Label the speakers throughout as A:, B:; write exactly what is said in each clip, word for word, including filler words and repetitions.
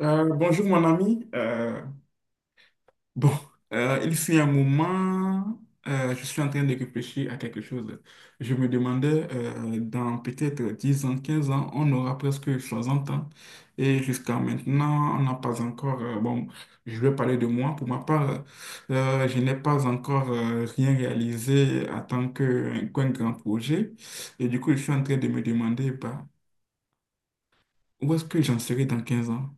A: Euh, bonjour mon ami. Euh, bon, euh, il fut un moment, euh, je suis en train de réfléchir à quelque chose. Je me demandais, euh, dans peut-être dix ans, quinze ans, on aura presque soixante ans. Et jusqu'à maintenant, on n'a pas encore... euh, bon, je vais parler de moi. Pour ma part, euh, je n'ai pas encore euh, rien réalisé en tant que, qu'un grand projet. Et du coup, je suis en train de me demander, bah, où est-ce que j'en serai dans quinze ans?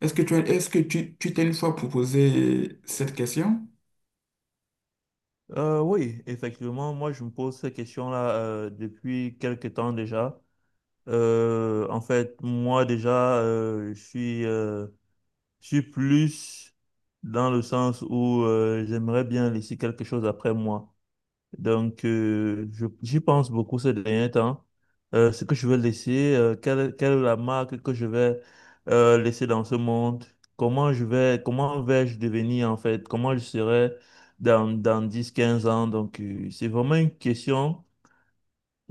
A: Est-ce que tu as- est-ce que tu, tu t'es une fois proposé cette question?
B: Euh, oui, effectivement, moi je me pose ces questions là euh, depuis quelque temps déjà. Euh, en fait, moi déjà, euh, je suis, euh, je suis plus dans le sens où euh, j'aimerais bien laisser quelque chose après moi. Donc, euh, je- j'y pense beaucoup ces derniers temps. Euh, ce que je vais laisser, euh, quelle, quelle est la marque que je vais euh, laisser dans ce monde? Comment je vais, comment vais-je devenir en fait? Comment je serai dans, dans dix quinze ans? Donc, euh, c'est vraiment une question,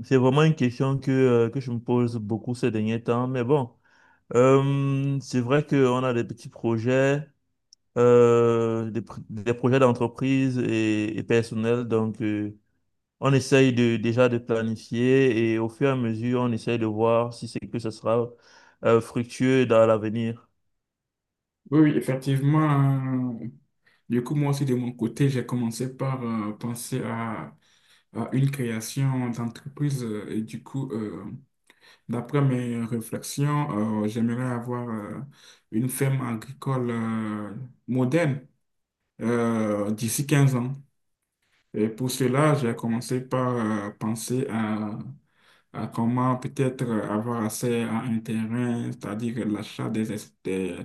B: c'est vraiment une question que, euh, que je me pose beaucoup ces derniers temps. Mais bon, euh, c'est vrai qu'on a des petits projets, euh, des, pr- des projets d'entreprise et, et personnels. Donc, euh, on essaye de, déjà de planifier et au fur et à mesure, on essaye de voir si c'est que ce sera euh, fructueux dans l'avenir.
A: Oui, oui, effectivement. euh, Du coup, moi aussi, de mon côté, j'ai commencé par euh, penser à, à une création d'entreprise. euh, Et du coup, euh, d'après mes réflexions, euh, j'aimerais avoir euh, une ferme agricole euh, moderne euh, d'ici quinze ans. Et pour cela, j'ai commencé par euh, penser à, à comment peut-être avoir accès à un terrain, c'est-à-dire l'achat des, es- des,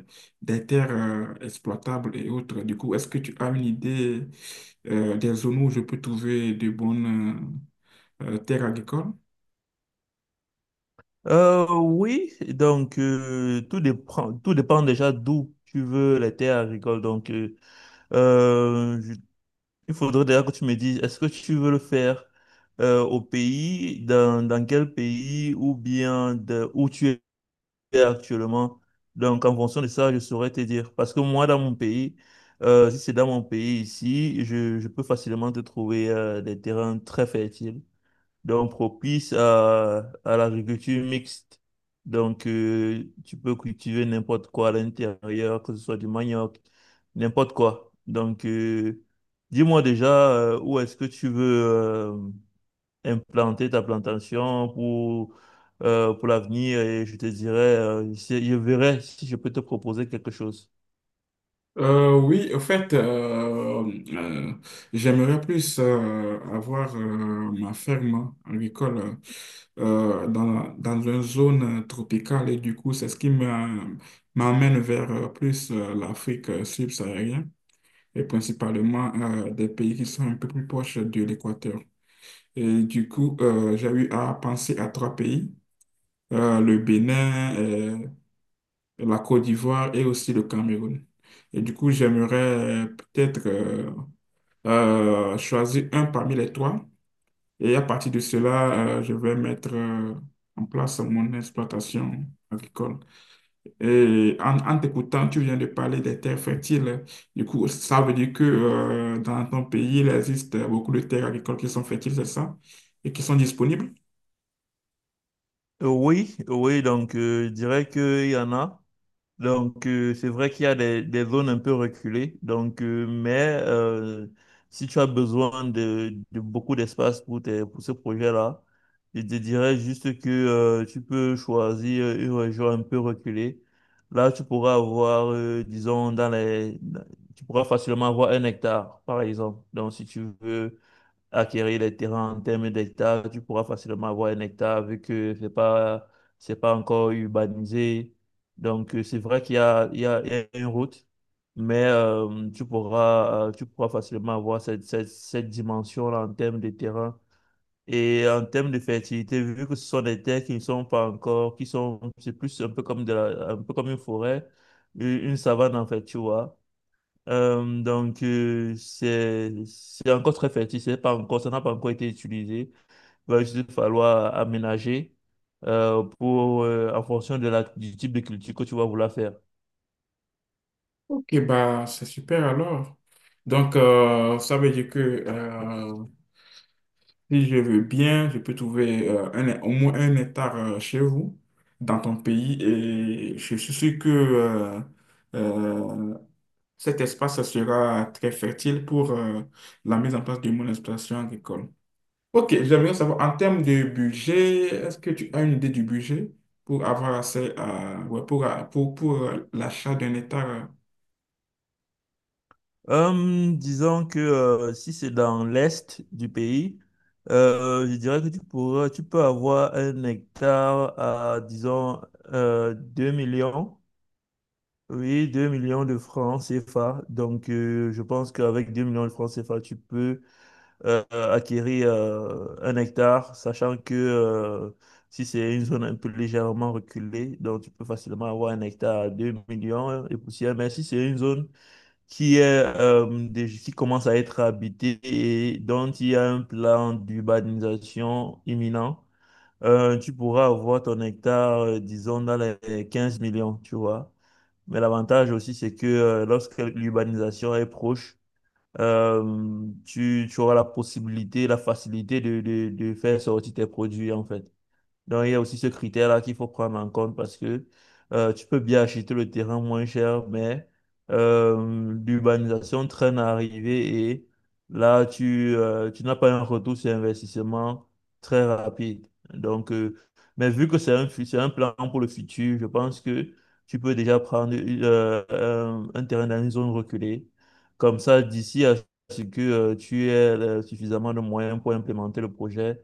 A: des terres euh, exploitables et autres. Du coup, est-ce que tu as une idée euh, des zones où je peux trouver de bonnes euh, euh, terres agricoles?
B: Euh, oui, donc euh, tout dépend, tout dépend déjà d'où tu veux les terres agricoles. Donc, euh, euh, je- il faudrait déjà que tu me dises, est-ce que tu veux le faire euh, au pays, dans, dans quel pays, ou bien de, où tu actuellement. Donc, en fonction de ça, je saurais te dire. Parce que moi, dans mon pays, euh, si c'est dans mon pays ici, je, je peux facilement te trouver euh, des terrains très fertiles, donc propices à, à l'agriculture mixte. Donc, euh, tu peux cultiver n'importe quoi à l'intérieur, que ce soit du manioc, n'importe quoi. Donc, euh, dis-moi déjà euh, où est-ce que tu veux. euh, implanter ta plantation pour, euh, pour l'avenir et je te dirai euh, si- je verrai si je peux te proposer quelque chose.
A: Euh, oui, en fait, euh, euh, j'aimerais plus euh, avoir euh, ma ferme agricole euh, dans, dans une zone tropicale et du coup, c'est ce qui m'a- m'amène vers euh, plus euh, l'Afrique euh, subsaharienne et principalement euh, des pays qui sont un peu plus proches de l'équateur. Et du coup, euh, j'ai eu à penser à trois pays, euh, le Bénin, euh, la Côte d'Ivoire et aussi le Cameroun. Et du coup, j'aimerais euh, peut-être euh, euh, choisir un parmi les trois. Et à partir de cela, euh, je vais mettre euh, en place mon exploitation agricole. Et en, en t'écoutant, tu viens de parler des terres fertiles. Du coup, ça veut dire que euh, dans ton pays, il existe beaucoup de terres agricoles qui sont fertiles, c'est ça? Et qui sont disponibles?
B: Euh, oui, oui, donc euh, je dirais qu'il y en a. Donc, euh, c'est vrai qu'il y a des, des zones un peu reculées. Donc, euh, mais euh, si tu as besoin de, de beaucoup d'espace pour, tes- pour ce projet-là, je te dirais juste que euh, tu peux choisir euh, une région un peu reculée. Là, tu pourras avoir, euh, disons, dans les, tu pourras facilement avoir un hectare, par exemple. Donc, si tu veux acquérir les terrains en termes d'hectares, tu pourras facilement avoir un hectare vu que c'est pas, c'est pas encore urbanisé. Donc, euh, c'est vrai qu'il y a, il y a, il y a une route, mais euh, tu pourras, euh, tu pourras facilement avoir cette, cette, cette dimension-là en termes de terrain. Et en termes de fertilité, vu que ce sont des terres qui ne sont pas encore, qui sont, c'est plus un peu comme de la- un peu comme une forêt, une une savane en fait, tu vois. Euh, donc, euh, c'est c'est encore très fertile, c'est pas encore, ça n'a pas encore été utilisé. Il va juste falloir aménager euh, pour, euh, en fonction de la, du type de culture que tu vas vouloir faire.
A: Ok, bah, c'est super alors. Donc, euh, ça veut dire que euh, si je veux bien, je peux trouver euh, un- au moins un hectare euh, chez vous, dans ton pays, et je suis sûr que euh, euh, cet espace sera très fertile pour euh, la mise en place de mon exploitation agricole. Ok, j'aimerais savoir, en termes de budget, est-ce que tu as une idée du budget pour avoir accès à, ouais, pour, pour, pour euh, l'achat d'un hectare? Euh,
B: Euh, disons que euh, si c'est dans l'est du pays, euh, je dirais que tu pourras, tu peux avoir un hectare à, disons, euh, 2 millions. Oui, deux millions de francs CFA. Donc, euh, je pense qu'avec deux millions de francs CFA, tu peux euh, acquérir euh, un hectare, sachant que euh, si c'est une zone un peu légèrement reculée, donc tu peux facilement avoir un hectare à deux millions et poussière. Mais si c'est une zone qui est euh, déj- qui commence à être habitée et dont il y a un plan d'urbanisation imminent, euh, tu pourras avoir ton hectare, euh, disons, dans les quinze millions, tu vois. Mais l'avantage aussi, c'est que euh, lorsque l'urbanisation est proche, euh, tu, tu auras la possibilité, la facilité de, de, de faire sortir tes produits, en fait. Donc, il y a aussi ce critère-là qu'il faut prendre en compte parce que euh, tu peux bien acheter le terrain moins cher, mais euh, l'urbanisation traîne à arriver et là, tu, euh, tu n'as pas un retour sur investissement très rapide. Donc, euh, mais vu que c'est un, fu- c'est un plan pour le futur, je pense que tu peux déjà prendre euh, un, un terrain dans une zone reculée. Comme ça, d'ici à ce que euh, tu aies euh, suffisamment de moyens pour implémenter le projet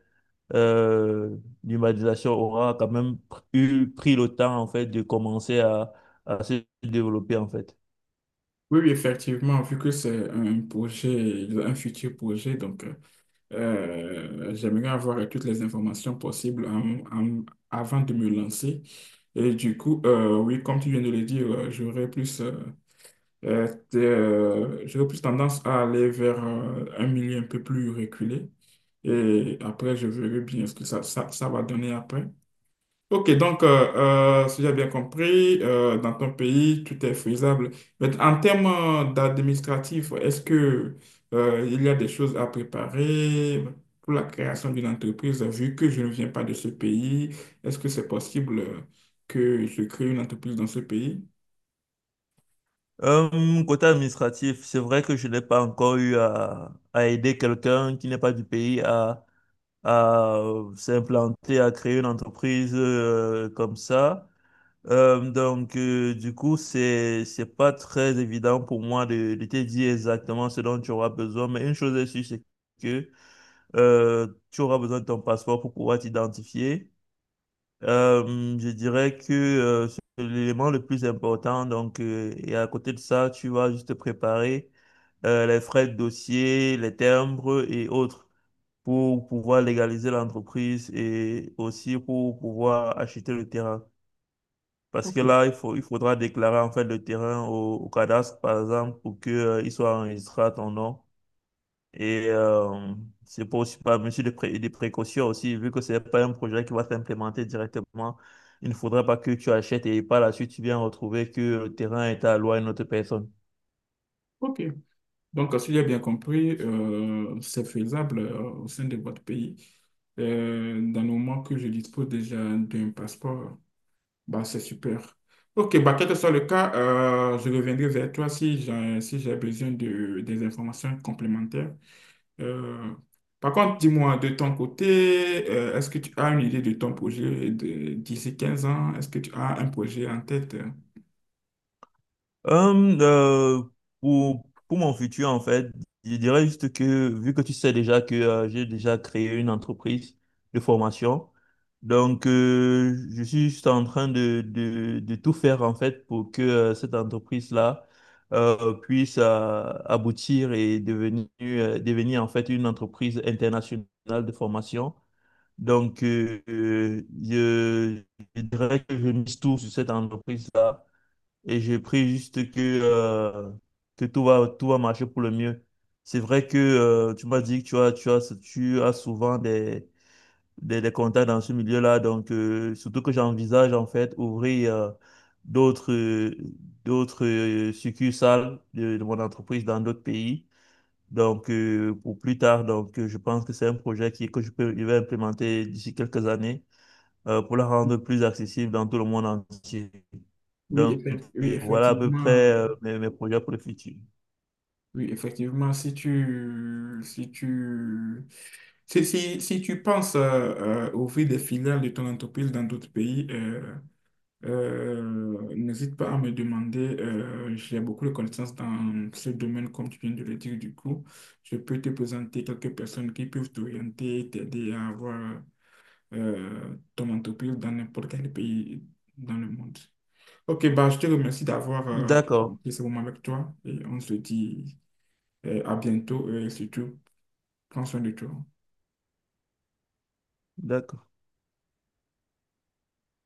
B: euh, l'humanisation aura quand même eu, pris le temps en fait de commencer à, à se développer en fait.
A: Oui, oui, effectivement, vu que c'est un projet, un futur projet, donc. Euh, Euh, j'aimerais avoir toutes les informations possibles en- en- avant de me lancer. Et du coup, euh, oui, comme tu viens de le dire, euh, j'aurais plus, euh, euh, t- euh, j'aurais plus tendance à aller vers euh, un milieu un peu plus reculé. Et après, je verrai bien ce que ça, ça, ça va donner après. Ok, donc, euh, euh, si j'ai bien compris, euh, dans ton pays, tout est faisable. Mais en termes euh, d'administratif, est-ce que, euh, il y a des choses à préparer pour la création d'une entreprise, vu que je ne viens pas de ce pays? Est-ce que c'est possible euh, que je crée une entreprise dans ce pays?
B: Euh, côté administratif, c'est vrai que je n'ai pas encore eu à, à aider quelqu'un qui n'est pas du pays à, à euh, s'implanter, à créer une entreprise euh, comme ça. Euh, donc, euh, du coup, c'est, c'est pas très évident pour moi de, de te dire exactement ce dont tu auras besoin, mais une chose est sûre, c'est que Euh, tu auras besoin de ton passeport pour pouvoir t'identifier. Euh, je dirais que euh, c'est l'élément le plus important. Donc, euh, et à côté de ça, tu vas juste préparer euh, les frais de dossier, les timbres et autres pour pouvoir légaliser l'entreprise et aussi pour pouvoir acheter le terrain. Parce que là, il faut, il faudra déclarer en fait le terrain au, au cadastre, par exemple, pour que, euh, il soit enregistré à ton nom. Et euh, c'est pour aussi par mesure de, pré- de précaution aussi, vu que ce n'est pas un projet qui va s'implémenter directement, il ne faudrait pas que tu achètes et par la suite tu viens retrouver que le terrain est alloué à une autre personne.
A: Ok, donc, euh, si j'ai bien compris, euh, c'est faisable euh, au sein de votre pays. Euh, dans le moment que je dispose déjà d'un passeport. Bah, c'est super. Ok, bah, quel que soit le cas, euh, je reviendrai vers toi si j'ai si j'ai besoin de, des informations complémentaires. Euh, Par contre, dis-moi, de ton côté, euh, est-ce que tu as une idée de ton projet de- d'ici quinze ans? Est-ce que tu as un projet en tête?
B: Hum, euh, pour, pour mon futur, en fait, je dirais juste que, vu que tu sais déjà que euh, j'ai déjà créé une entreprise de formation, donc euh, je suis juste en train de, de, de tout faire, en fait, pour que euh, cette entreprise-là euh, puisse euh, aboutir et devenir, euh, devenir, en fait, une entreprise internationale de formation. Donc, euh, euh, je, je dirais que je mise tout sur cette entreprise et je prie juste que, euh, que tout va, tout va marcher pour le mieux. C'est vrai que euh, tu m'as dit que tu as, tu as, tu as souvent des, des, des contacts dans ce milieu-là. Donc, euh, surtout que j'envisage en fait ouvrir euh, d'autres euh, d'autres euh, succursales de, de mon entreprise dans d'autres pays. Donc, euh, pour plus tard, donc, euh, je pense que c'est un projet qui, que je peux, je vais implémenter d'ici quelques années euh, pour la rendre plus accessible dans tout le monde entier.
A: Oui,
B: Donc,
A: effect- oui,
B: euh, voilà à peu
A: effectivement.
B: près euh, mes, mes projets pour le futur.
A: Oui, effectivement, si tu, si tu, si, si, si tu penses euh, euh, ouvrir des filiales de ton entreprise dans d'autres pays, euh, euh, n'hésite pas à me demander. Euh, j'ai beaucoup de connaissances dans ce domaine, comme tu viens de le dire. Du coup, je peux te présenter quelques personnes qui peuvent t'orienter, t'aider à avoir euh, ton entreprise dans n'importe quel pays dans le monde. Ok, bah, je te remercie d'avoir euh,
B: D'accord,
A: pris ce moment avec toi et on se dit. Et à bientôt et surtout, prends soin de toi.
B: d'accord.